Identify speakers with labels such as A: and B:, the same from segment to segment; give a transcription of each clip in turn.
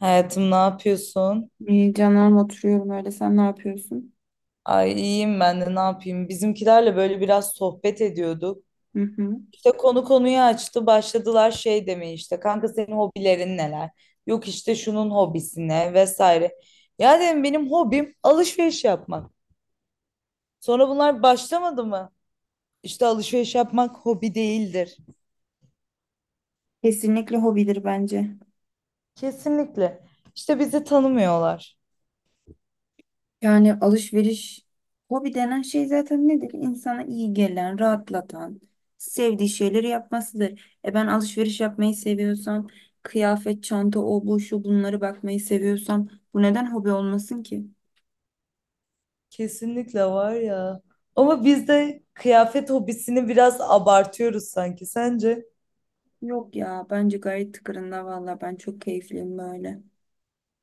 A: Hayatım ne yapıyorsun?
B: İyi canım oturuyorum öyle. Sen ne yapıyorsun?
A: Ay iyiyim ben de ne yapayım? Bizimkilerle böyle biraz sohbet ediyorduk.
B: Hı hı.
A: İşte konu konuyu açtı. Başladılar şey demeye işte. Kanka senin hobilerin neler? Yok işte şunun hobisi ne vesaire. Ya dedim benim hobim alışveriş yapmak. Sonra bunlar başlamadı mı? İşte alışveriş yapmak hobi değildir.
B: Kesinlikle hobidir bence.
A: Kesinlikle. İşte bizi tanımıyorlar.
B: Yani alışveriş hobi denen şey zaten nedir? İnsana iyi gelen, rahatlatan, sevdiği şeyleri yapmasıdır. E ben alışveriş yapmayı seviyorsam, kıyafet, çanta, o bu şu bunları bakmayı seviyorsam bu neden hobi olmasın ki?
A: Kesinlikle var ya. Ama biz de kıyafet hobisini biraz abartıyoruz sanki. Sence?
B: Yok ya bence gayet tıkırında valla ben çok keyifliyim böyle.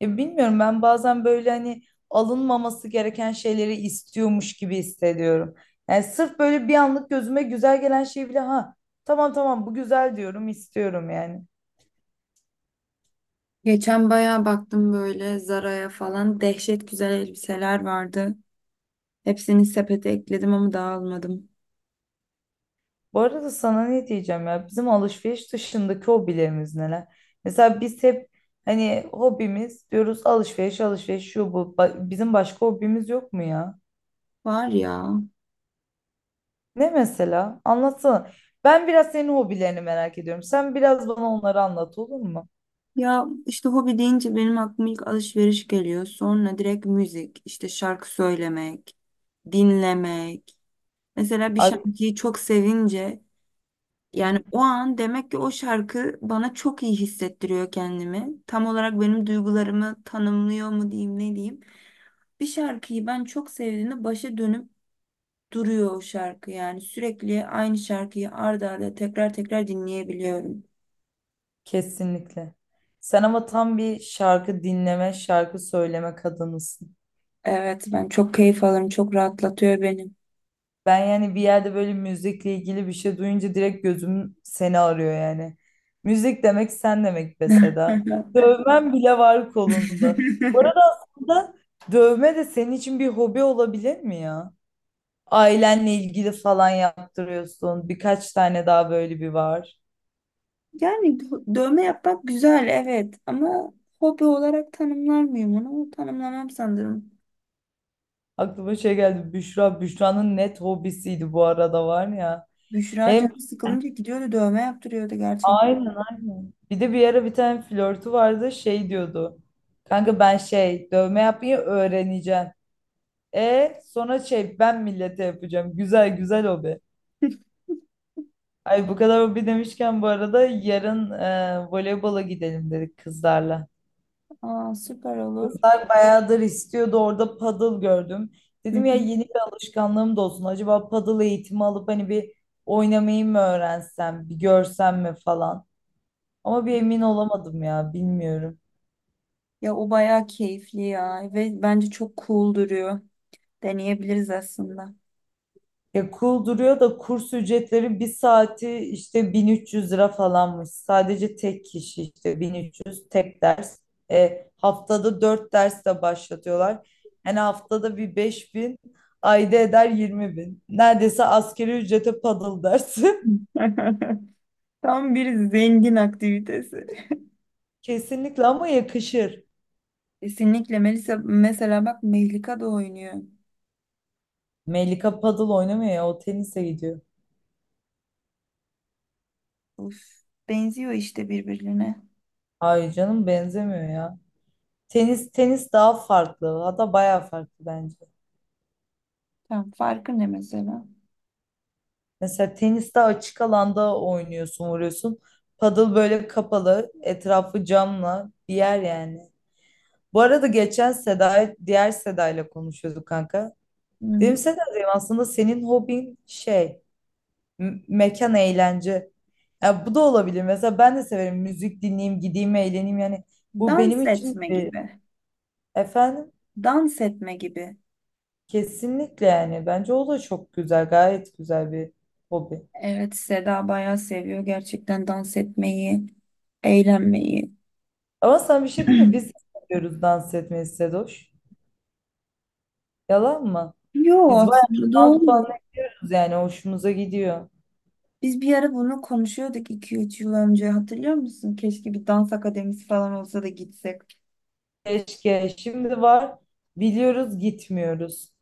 A: Ya bilmiyorum ben bazen böyle hani alınmaması gereken şeyleri istiyormuş gibi hissediyorum. Yani sırf böyle bir anlık gözüme güzel gelen şey bile ha tamam tamam bu güzel diyorum istiyorum yani.
B: Geçen bayağı baktım böyle Zara'ya falan dehşet güzel elbiseler vardı. Hepsini sepete ekledim ama dağılmadım.
A: Bu arada sana ne diyeceğim ya bizim alışveriş dışındaki hobilerimiz neler? Mesela biz hep hani hobimiz diyoruz alışveriş alışveriş şu bu bizim başka hobimiz yok mu ya?
B: Var ya.
A: Ne mesela? Anlatsana. Ben biraz senin hobilerini merak ediyorum. Sen biraz bana onları anlat olur mu?
B: Ya işte hobi deyince benim aklıma ilk alışveriş geliyor. Sonra direkt müzik, işte şarkı söylemek, dinlemek. Mesela bir
A: Ay,
B: şarkıyı çok sevince
A: hı
B: yani
A: hı,
B: o an demek ki o şarkı bana çok iyi hissettiriyor kendimi. Tam olarak benim duygularımı tanımlıyor mu diyeyim ne diyeyim. Bir şarkıyı ben çok sevdiğimde başa dönüp duruyor o şarkı yani sürekli aynı şarkıyı arda arda tekrar tekrar dinleyebiliyorum.
A: kesinlikle. Sen ama tam bir şarkı dinleme, şarkı söyleme kadınısın.
B: Evet ben çok keyif alırım. Çok rahatlatıyor beni.
A: Ben yani bir yerde böyle müzikle ilgili bir şey duyunca direkt gözüm seni arıyor yani. Müzik demek sen demek be Seda. Dövmen bile var kolunda. Bu arada aslında dövme de senin için bir hobi olabilir mi ya? Ailenle ilgili falan yaptırıyorsun. Birkaç tane daha böyle bir var.
B: Yani dövme yapmak güzel evet ama hobi olarak tanımlar mıyım onu? Tanımlamam sanırım.
A: Aklıma şey geldi. Büşra. Büşra'nın net hobisiydi bu arada var ya.
B: Büşra
A: Hem
B: canı sıkılınca gidiyordu dövme yaptırıyordu gerçekten.
A: aynen aynen. Bir de bir ara bir tane flörtü vardı. Şey diyordu. Kanka ben şey dövme yapmayı öğreneceğim. E sonra şey ben millete yapacağım. Güzel güzel hobi. Ay bu kadar hobi demişken bu arada yarın voleybola gidelim dedik kızlarla.
B: Aa süper olur.
A: Kızlar bayağıdır istiyordu orada paddle gördüm.
B: Hı
A: Dedim ya
B: hı.
A: yeni bir alışkanlığım da olsun. Acaba paddle eğitimi alıp hani bir oynamayı mı öğrensem, bir görsem mi falan. Ama bir emin olamadım ya bilmiyorum.
B: Ya o bayağı keyifli ya ve bence çok cool duruyor. Deneyebiliriz aslında.
A: Ya cool duruyor da kurs ücretleri bir saati işte 1300 lira falanmış. Sadece tek kişi işte 1300 tek ders. E, haftada 4 ders de başlatıyorlar. Yani haftada bir 5.000 ayda eder 20.000. Neredeyse askeri ücrete paddle dersi.
B: Tam bir zengin aktivitesi.
A: Kesinlikle ama yakışır.
B: Kesinlikle Melisa mesela bak Mehlika da oynuyor.
A: Melika paddle oynamıyor ya o tenise gidiyor.
B: Uf, benziyor işte birbirine.
A: Hayır canım benzemiyor ya. Tenis tenis daha farklı. Hatta bayağı farklı bence.
B: Tam farkı ne mesela?
A: Mesela teniste açık alanda oynuyorsun, vuruyorsun. Padel böyle kapalı, etrafı camla bir yer yani. Bu arada geçen Seda, diğer Seda'yla konuşuyorduk kanka.
B: Hmm,
A: Dedim Seda'cığım aslında senin hobin şey, mekan eğlence. Ya bu da olabilir. Mesela ben de severim müzik dinleyeyim, gideyim, eğleneyim yani. Bu
B: dans
A: benim için
B: etme
A: bir
B: gibi.
A: efendim
B: Dans etme gibi.
A: kesinlikle yani. Bence o da çok güzel, gayet güzel bir hobi.
B: Evet Seda bayağı seviyor gerçekten dans etmeyi, eğlenmeyi.
A: Ama sana bir şey diyeyim mi? Biz de seviyoruz dans etmeyi Sedoş. Yalan mı?
B: Yo
A: Biz bayağı
B: aslında
A: dans
B: doğru.
A: anlıyoruz yani hoşumuza gidiyor.
B: Biz bir ara bunu konuşuyorduk 2-3 yıl önce hatırlıyor musun? Keşke bir dans akademisi falan olsa da gitsek.
A: Keşke şimdi var biliyoruz gitmiyoruz.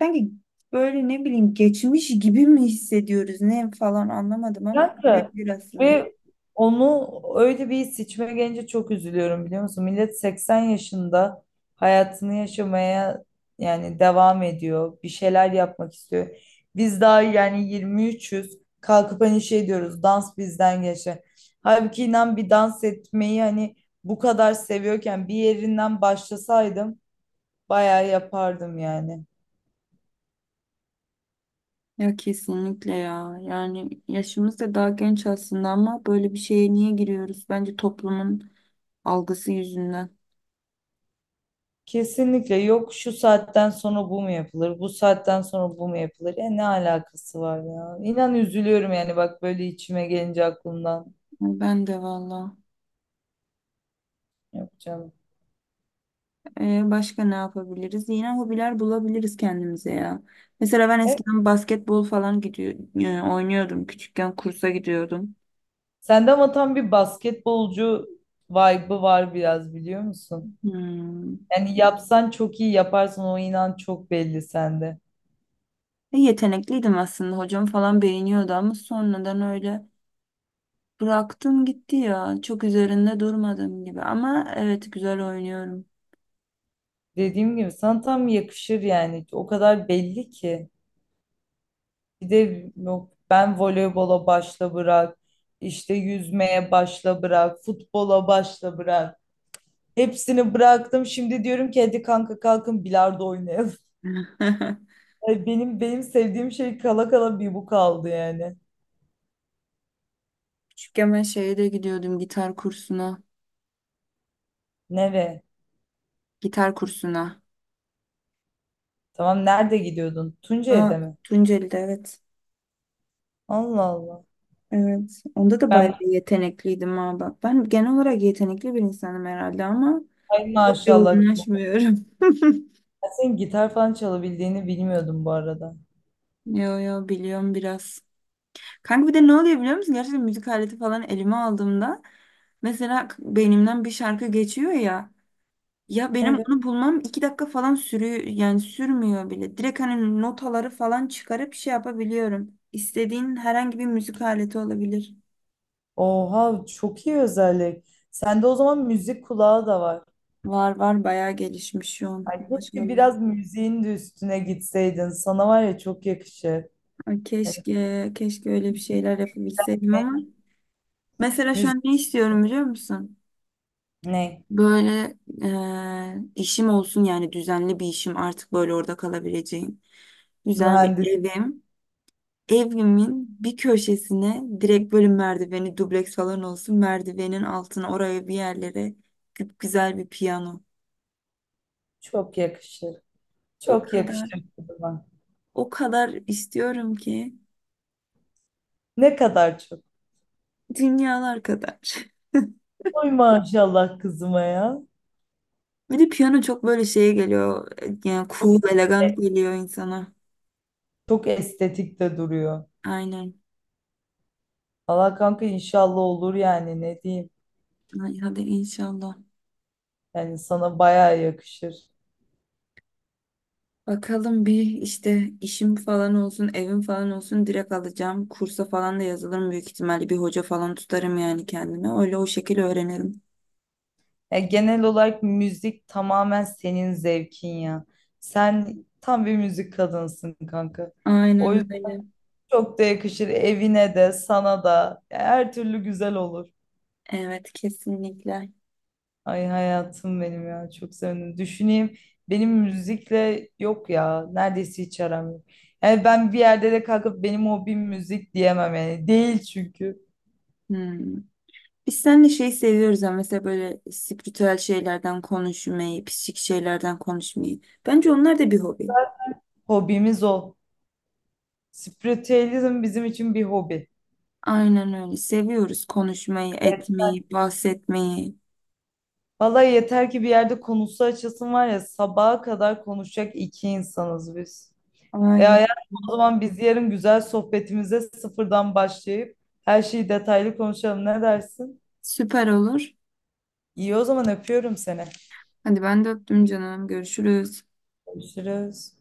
B: Sanki böyle ne bileyim geçmiş gibi mi hissediyoruz ne falan anlamadım ama
A: Kanka
B: birebir aslında.
A: ve onu öyle bir seçime gelince çok üzülüyorum biliyor musun? Millet 80 yaşında hayatını yaşamaya yani devam ediyor. Bir şeyler yapmak istiyor. Biz daha yani 23'üz. Kalkıp hani şey diyoruz dans bizden geçti. Halbuki inan bir dans etmeyi hani bu kadar seviyorken bir yerinden başlasaydım bayağı yapardım yani.
B: Ya kesinlikle ya. Yani yaşımız da daha genç aslında ama böyle bir şeye niye giriyoruz? Bence toplumun algısı yüzünden.
A: Kesinlikle yok şu saatten sonra bu mu yapılır, bu saatten sonra bu mu yapılır? Ya ne alakası var ya? İnan üzülüyorum yani bak böyle içime gelince aklımdan.
B: Ben de valla.
A: Yok canım.
B: Başka ne yapabiliriz? Yine hobiler bulabiliriz kendimize ya. Mesela ben
A: E,
B: eskiden basketbol falan gidiyor, oynuyordum. Küçükken kursa gidiyordum.
A: sende ama tam bir basketbolcu vibe'ı var biraz biliyor musun?
B: Hmm.
A: Yani yapsan çok iyi yaparsın o inan çok belli sende.
B: Yetenekliydim aslında. Hocam falan beğeniyordu ama sonradan öyle bıraktım gitti ya. Çok üzerinde durmadım gibi. Ama evet güzel oynuyorum.
A: Dediğim gibi sana tam yakışır yani. O kadar belli ki. Bir de yok ben voleybola başla bırak. İşte yüzmeye başla bırak. Futbola başla bırak. Hepsini bıraktım. Şimdi diyorum ki hadi kanka kalkın bilardo oynayalım. Ay benim sevdiğim şey kala kala bir bu kaldı yani.
B: Küçükken ben şeye de gidiyordum gitar kursuna.
A: Nereye?
B: Gitar kursuna.
A: Tamam nerede gidiyordun?
B: Aa,
A: Tuncay'da mi?
B: Tunceli'de evet.
A: Allah Allah.
B: Evet. Onda da bayağı
A: Ben
B: yetenekliydim ha bak. Ben genel olarak yetenekli bir insanım herhalde ama
A: ay
B: çok
A: maşallah.
B: yoğunlaşmıyorum.
A: Ben senin gitar falan çalabildiğini bilmiyordum bu arada.
B: Yo yo biliyorum biraz. Kanka bir de ne oluyor biliyor musun? Gerçekten müzik aleti falan elime aldığımda mesela beynimden bir şarkı geçiyor ya. Ya benim
A: Evet.
B: onu bulmam 2 dakika falan sürüyor yani sürmüyor bile. Direkt hani notaları falan çıkarıp şey yapabiliyorum. İstediğin herhangi bir müzik aleti olabilir.
A: Oha çok iyi özellik. Sende o zaman müzik kulağı da var.
B: Var var bayağı gelişmiş şu an.
A: Ay, keşke
B: Maşallah.
A: biraz müziğin de üstüne gitseydin. Sana var ya çok yakışır.
B: Ay
A: Yani
B: keşke, keşke öyle bir şeyler yapabilseydim
A: ne,
B: ama mesela şu
A: müzik
B: an ne istiyorum biliyor musun?
A: ne?
B: Böyle işim olsun yani düzenli bir işim artık böyle orada kalabileceğim. Güzel bir
A: Mühendis
B: evim. Evimin bir köşesine direkt böyle merdiveni dubleks falan olsun. Merdivenin altına oraya bir yerlere güzel bir piyano.
A: çok yakışır.
B: O
A: Çok
B: kadar,
A: yakışır kızıma.
B: o kadar istiyorum ki
A: Ne kadar çok.
B: dünyalar kadar.
A: Oy maşallah kızıma ya.
B: Bir de piyano çok böyle şeye geliyor. Yani
A: Çok,
B: cool, elegant
A: estetik-
B: geliyor insana.
A: çok estetik de duruyor.
B: Aynen.
A: Allah kanka inşallah olur yani ne diyeyim.
B: Ay, hadi inşallah.
A: Yani sana bayağı yakışır.
B: Bakalım bir işte işim falan olsun, evim falan olsun direkt alacağım. Kursa falan da yazılırım büyük ihtimalle. Bir hoca falan tutarım yani kendime. Öyle o şekilde öğrenirim.
A: Ya genel olarak müzik tamamen senin zevkin ya. Sen tam bir müzik kadınsın kanka. O
B: Aynen
A: yüzden
B: öyle.
A: çok da yakışır evine de sana da. Ya her türlü güzel olur.
B: Evet kesinlikle.
A: Ay hayatım benim ya çok sevindim. Düşüneyim benim müzikle yok ya neredeyse hiç aram yok. Yani ben bir yerde de kalkıp benim hobim müzik diyemem yani. Değil çünkü.
B: Hmm. Biz seninle şey seviyoruz ama mesela böyle spiritüel şeylerden konuşmayı, psikik şeylerden konuşmayı. Bence onlar da bir hobi.
A: Hobimiz o. Spiritüalizm bizim için bir hobi.
B: Aynen öyle. Seviyoruz konuşmayı, etmeyi, bahsetmeyi.
A: Vallahi yeter ki bir yerde konusu açılsın var ya sabaha kadar konuşacak iki insanız biz. E
B: Aynen.
A: hayatım o zaman biz yarın güzel sohbetimize sıfırdan başlayıp her şeyi detaylı konuşalım ne dersin?
B: Süper olur.
A: İyi o zaman öpüyorum seni.
B: Hadi ben de öptüm canım. Görüşürüz.
A: Görüşürüz.